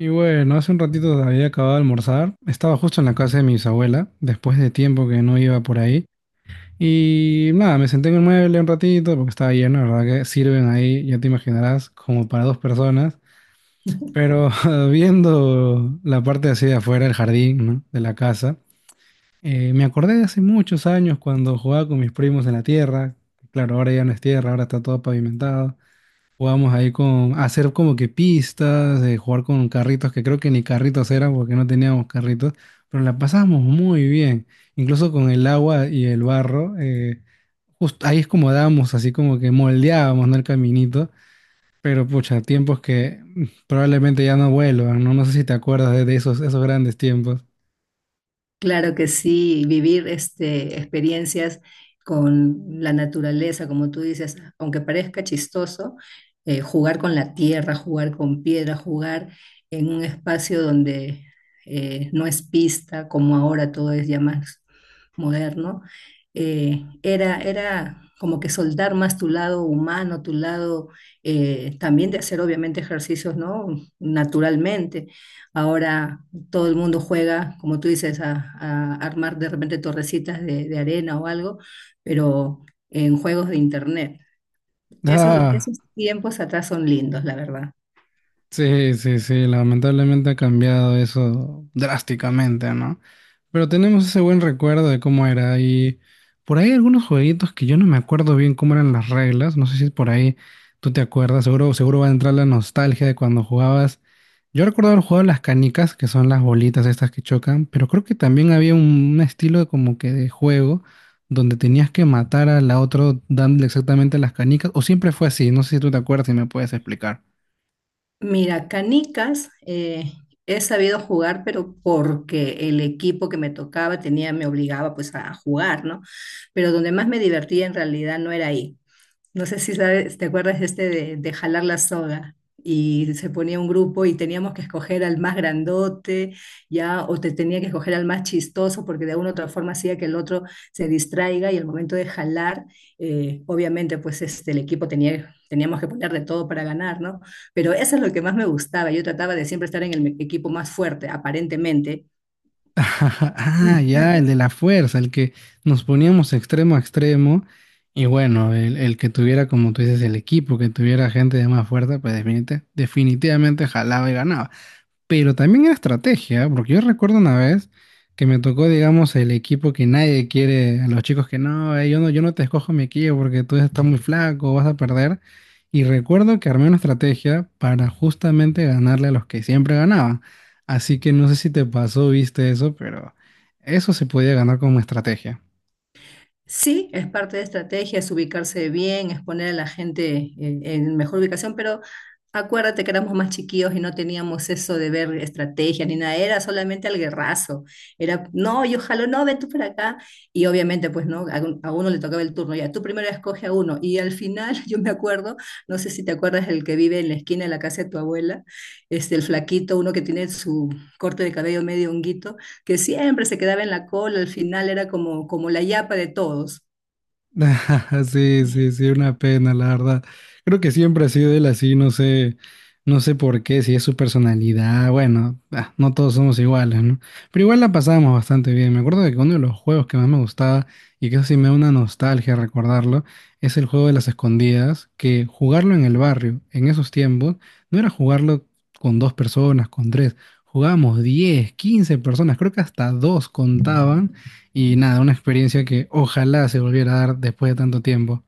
Y bueno, hace un ratito había acabado de almorzar. Estaba justo en la casa de mi bisabuela, después de tiempo que no iba por ahí. Y nada, me senté en el mueble un ratito porque estaba lleno, la verdad que sirven ahí, ya te imaginarás, como para dos personas. Pero viendo la parte así de afuera, el jardín, ¿no? de la casa, me acordé de hace muchos años cuando jugaba con mis primos en la tierra. Claro, ahora ya no es tierra, ahora está todo pavimentado. Jugamos ahí con hacer como que pistas, jugar con carritos, que creo que ni carritos eran porque no teníamos carritos, pero la pasamos muy bien, incluso con el agua y el barro. Justo ahí es como dábamos, así como que moldeábamos, ¿no? El caminito, pero pucha, tiempos que probablemente ya no vuelvan, ¿no? No sé si te acuerdas de esos, esos grandes tiempos. Claro que sí, vivir este, experiencias con la naturaleza, como tú dices, aunque parezca chistoso, jugar con la tierra, jugar con piedra, jugar en un espacio donde no es pista, como ahora todo es ya más moderno, era como que soltar más tu lado humano, tu lado también de hacer obviamente ejercicios, ¿no? Naturalmente. Ahora todo el mundo juega, como tú dices, a armar de repente torrecitas de arena o algo, pero en juegos de internet. Esos, Ah. esos tiempos atrás son lindos, la verdad. Sí, sí, sí, lamentablemente ha cambiado eso drásticamente, ¿no? Pero tenemos ese buen recuerdo de cómo era y por ahí algunos jueguitos que yo no me acuerdo bien cómo eran las reglas, no sé si por ahí tú te acuerdas, seguro, seguro va a entrar la nostalgia de cuando jugabas. Yo recuerdo haber jugado las canicas, que son las bolitas estas que chocan, pero creo que también había un estilo de como que de juego donde tenías que matar a la otra dándole exactamente las canicas, o siempre fue así, no sé si tú te acuerdas y me puedes explicar. Mira, canicas he sabido jugar, pero porque el equipo que me tocaba tenía, me obligaba pues a jugar, ¿no? Pero donde más me divertía en realidad no era ahí. No sé si sabes, te acuerdas este de jalar la soga. Y se ponía un grupo y teníamos que escoger al más grandote, ya, o te tenía que escoger al más chistoso, porque de alguna u otra forma hacía que el otro se distraiga y al momento de jalar, obviamente, pues este, el equipo teníamos que poner de todo para ganar, ¿no? Pero eso es lo que más me gustaba. Yo trataba de siempre estar en el equipo más fuerte, aparentemente. Ajá, ah, ya, el de la fuerza, el que nos poníamos extremo a extremo. Y bueno, el que tuviera, como tú dices, el equipo, que tuviera gente de más fuerza, pues definitivamente jalaba y ganaba, pero también en estrategia, porque yo recuerdo una vez que me tocó, digamos, el equipo que nadie quiere, a los chicos que no, yo no, yo no te escojo mi equipo porque tú estás muy flaco, vas a perder. Y recuerdo que armé una estrategia para justamente ganarle a los que siempre ganaban. Así que no sé si te pasó, viste eso, pero eso se podía ganar como estrategia. Sí, es parte de estrategias, ubicarse bien, es poner a la gente en mejor ubicación, pero acuérdate que éramos más chiquillos y no teníamos eso de ver estrategia ni nada, era solamente al guerrazo. Era, no, yo jalo, no, ven tú para acá. Y obviamente, pues no, a uno le tocaba el turno, ya tú primero escoge a uno. Y al final, yo me acuerdo, no sé si te acuerdas, el que vive en la esquina de la casa de tu abuela, este, el flaquito, uno que tiene su corte de cabello medio honguito que siempre se quedaba en la cola, al final era como, como la yapa de todos. Sí, sí, sí, una pena, la verdad. Creo que siempre ha sido él así, no sé, no sé por qué, si es su personalidad, bueno, ah, no todos somos iguales, ¿no? Pero igual la pasábamos bastante bien. Me acuerdo que uno de los juegos que más me gustaba, y que eso sí me da una nostalgia recordarlo, es el juego de las escondidas, que jugarlo en el barrio, en esos tiempos, no era jugarlo con dos personas, con tres, jugábamos 10, 15 personas, creo que hasta dos contaban. Y nada, una experiencia que ojalá se volviera a dar después de tanto tiempo.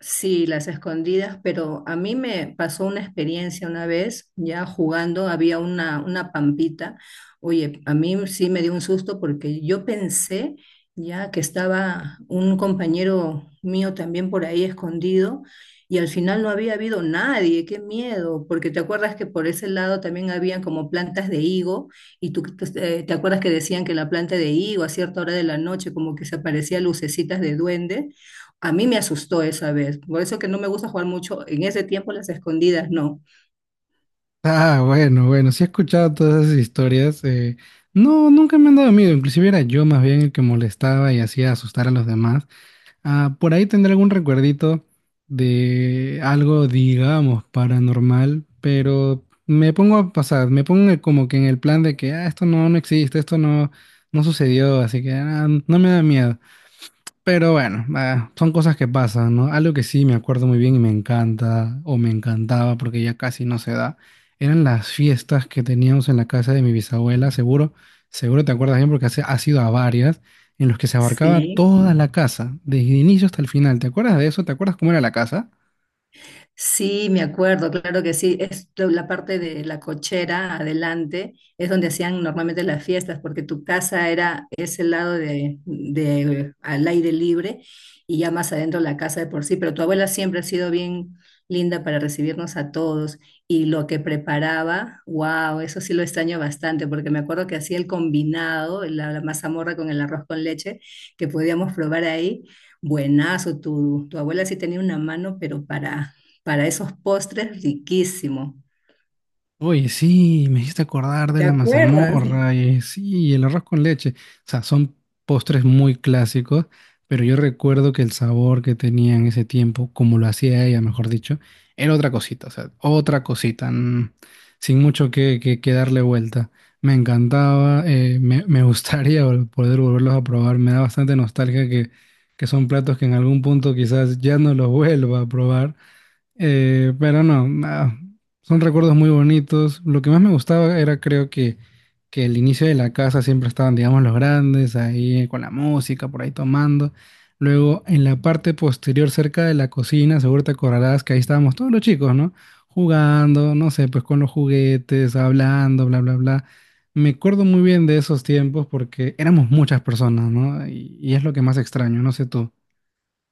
Sí, las escondidas, pero a mí me pasó una experiencia una vez, ya jugando, había una pampita. Oye, a mí sí me dio un susto porque yo pensé ya que estaba un compañero mío también por ahí escondido y al final no había habido nadie, qué miedo, porque te acuerdas que por ese lado también habían como plantas de higo y te acuerdas que decían que la planta de higo a cierta hora de la noche como que se aparecían lucecitas de duende. A mí me asustó esa vez, por eso que no me gusta jugar mucho en ese tiempo las escondidas, no. Ah, bueno, bueno, sí he escuchado todas esas historias. No, nunca me han dado miedo. Inclusive era yo más bien el que molestaba y hacía asustar a los demás. Ah, por ahí tendré algún recuerdito de algo, digamos, paranormal, pero me pongo a pasar, me pongo el como que en el plan de que ah, esto no, no existe, esto no, no sucedió, así que ah, no me da miedo. Pero bueno, ah, son cosas que pasan, ¿no? Algo que sí me acuerdo muy bien y me encanta, o me encantaba porque ya casi no se da, eran las fiestas que teníamos en la casa de mi bisabuela, seguro, seguro te acuerdas bien porque has ido a varias, en los que se abarcaba Sí. toda la casa, desde el inicio hasta el final. ¿Te acuerdas de eso? ¿Te acuerdas cómo era la casa? Sí, me acuerdo, claro que sí. Es lo- la parte de la cochera adelante, es donde hacían normalmente las fiestas, porque tu casa era ese lado de al aire libre y ya más adentro la casa de por sí. Pero tu abuela siempre ha sido bien linda para recibirnos a todos y lo que preparaba, wow, eso sí lo extraño bastante, porque me acuerdo que hacía el combinado, la mazamorra con el arroz con leche que podíamos probar ahí. Buenazo, tu abuela sí tenía una mano, pero para esos postres riquísimos. Oye, sí, me hiciste acordar de ¿Te la acuerdas? mazamorra y sí, y el arroz con leche. O sea, son postres muy clásicos, pero yo recuerdo que el sabor que tenía en ese tiempo, como lo hacía ella, mejor dicho, era otra cosita, o sea, otra cosita, sin mucho que darle vuelta. Me encantaba, me, me gustaría poder volverlos a probar. Me da bastante nostalgia que son platos que en algún punto quizás ya no los vuelva a probar, pero no, nada, son recuerdos muy bonitos. Lo que más me gustaba era creo que el inicio de la casa siempre estaban, digamos, los grandes ahí con la música, por ahí tomando. Luego, en la parte posterior, cerca de la cocina, seguro te acordarás que ahí estábamos todos los chicos, ¿no? Jugando, no sé, pues con los juguetes, hablando, bla, bla, bla. Me acuerdo muy bien de esos tiempos porque éramos muchas personas, ¿no? Y es lo que más extraño, no sé tú.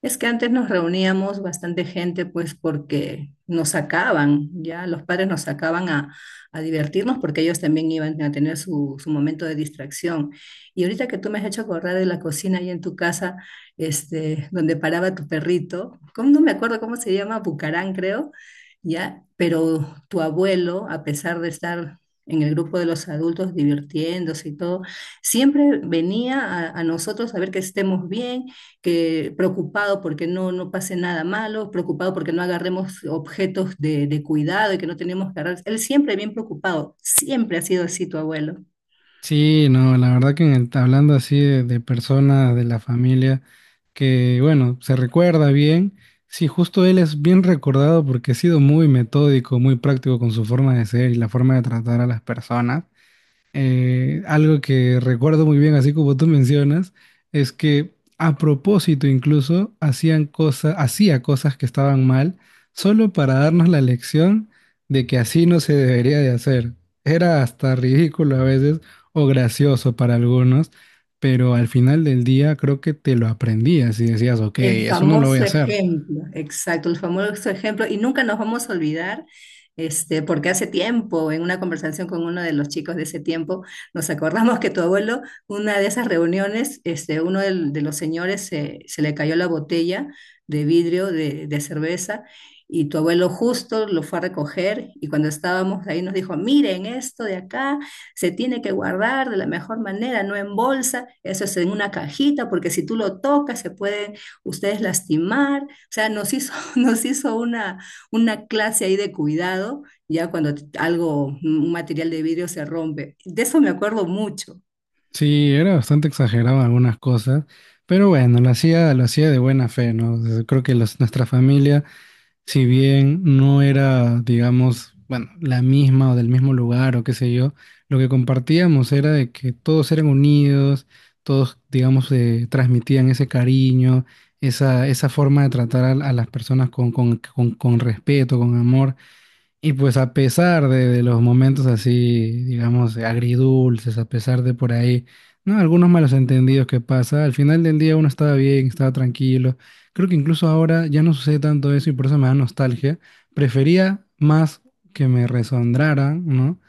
Es que antes nos reuníamos bastante gente, pues porque nos sacaban, ya los padres nos sacaban a divertirnos porque ellos también iban a tener su momento de distracción. Y ahorita que tú me has hecho acordar de la cocina ahí en tu casa, este, donde paraba tu perrito, ¿cómo no me acuerdo cómo se llama? Bucarán, creo, ya, pero tu abuelo, a pesar de estar en el grupo de los adultos divirtiéndose y todo, siempre venía a nosotros a ver que estemos bien, que preocupado porque no, no pase nada malo, preocupado porque no agarremos objetos de cuidado y que no tenemos que agarrar. Él siempre bien preocupado, siempre ha sido así tu abuelo. Sí, no, la verdad que en el, hablando así de personas de la familia, que bueno, se recuerda bien, sí, justo él es bien recordado porque ha sido muy metódico, muy práctico con su forma de ser y la forma de tratar a las personas. Algo que recuerdo muy bien, así como tú mencionas, es que a propósito incluso hacían cosas, hacía cosas que estaban mal, solo para darnos la lección de que así no se debería de hacer. Era hasta ridículo a veces o gracioso para algunos, pero al final del día creo que te lo aprendías y decías, ok, El eso no lo voy a famoso hacer. ejemplo, exacto, el famoso ejemplo, y nunca nos vamos a olvidar, este, porque hace tiempo, en una conversación con uno de los chicos de ese tiempo, nos acordamos que tu abuelo, una de esas reuniones, este, los señores se le cayó la botella de vidrio de cerveza y tu abuelo justo lo fue a recoger y cuando estábamos ahí nos dijo, miren, esto de acá se tiene que guardar de la mejor manera, no en bolsa, eso es en una cajita, porque si tú lo tocas se pueden ustedes lastimar, o sea, nos hizo, nos hizo una clase ahí de cuidado, ya cuando t- algo, un material de vidrio se rompe. De eso me acuerdo mucho. Sí, era bastante exagerado en algunas cosas, pero bueno, lo hacía de buena fe, ¿no? Creo que nuestra familia si bien no era, digamos, bueno, la misma o del mismo lugar o qué sé yo, lo que compartíamos era de que todos eran unidos, todos, digamos, transmitían ese cariño, esa forma de tratar a las personas con respeto, con amor. Y pues a pesar de los momentos así, digamos, agridulces, a pesar de por ahí, ¿no? Algunos malos entendidos que pasa, al final del día uno estaba bien, estaba tranquilo. Creo que incluso ahora ya no sucede tanto eso y por eso me da nostalgia. Prefería más que me resondraran, ¿no?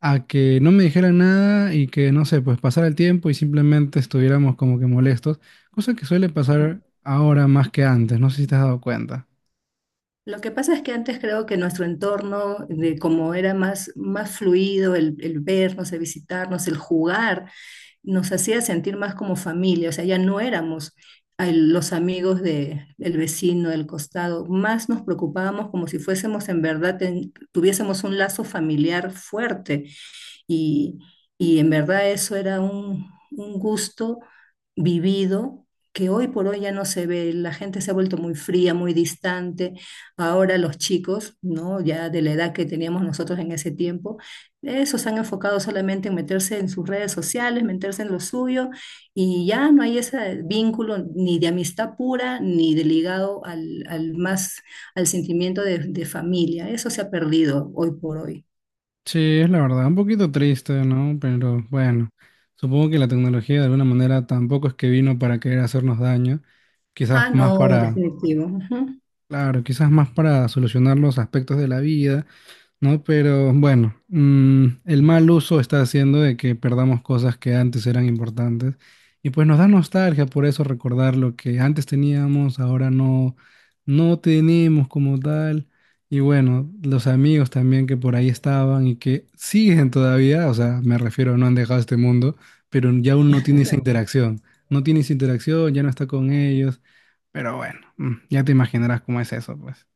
A que no me dijeran nada y que, no sé, pues pasara el tiempo y simplemente estuviéramos como que molestos, cosa que suele pasar ahora más que antes, no sé si te has dado cuenta. Lo que pasa es que antes creo que nuestro entorno, de como era más fluido, el vernos, el visitarnos, el jugar, nos hacía sentir más como familia, o sea, ya no éramos al- los amigos del vecino, del costado, más nos preocupábamos como si fuésemos en verdad, ten- tuviésemos un lazo familiar fuerte y, y en verdad eso era un gusto vivido que hoy por hoy ya no se ve, la gente se ha vuelto muy fría, muy distante. Ahora los chicos, ¿no? Ya de la edad que teníamos nosotros en ese tiempo, eso se han enfocado solamente en meterse en sus redes sociales, meterse en lo suyo, y ya no hay ese vínculo ni de amistad pura, ni de ligado al más, al sentimiento de familia. Eso se ha perdido hoy por hoy. Sí, es la verdad, un poquito triste, ¿no? Pero bueno, supongo que la tecnología de alguna manera tampoco es que vino para querer hacernos daño, quizás Ah, más no, para, definitivo. Ujú. claro, quizás más para solucionar los aspectos de la vida, ¿no? Pero bueno, el mal uso está haciendo de que perdamos cosas que antes eran importantes y pues nos da nostalgia por eso recordar lo que antes teníamos, ahora no, no tenemos como tal. Y bueno, los amigos también que por ahí estaban y que siguen todavía, o sea, me refiero, no han dejado este mundo, pero ya uno no tiene esa interacción, no tiene esa interacción, ya no está con ellos, pero bueno, ya te imaginarás cómo es eso, pues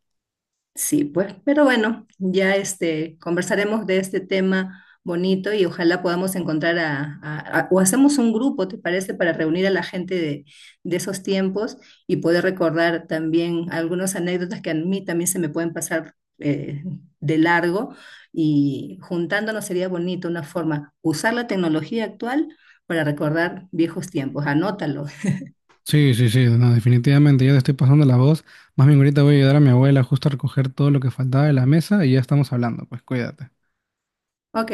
Sí, pues, pero bueno, ya este, conversaremos de este tema bonito y ojalá podamos encontrar a- o hacemos un grupo, ¿te parece? Para reunir a la gente de esos tiempos y poder recordar también algunas anécdotas que a mí también se me pueden pasar de largo y juntándonos sería bonito una forma, usar la tecnología actual para recordar viejos tiempos. Anótalo. sí, sí, sí, no, definitivamente, ya te estoy pasando la voz. Más bien ahorita voy a ayudar a mi abuela justo a recoger todo lo que faltaba de la mesa y ya estamos hablando, pues cuídate. Ok.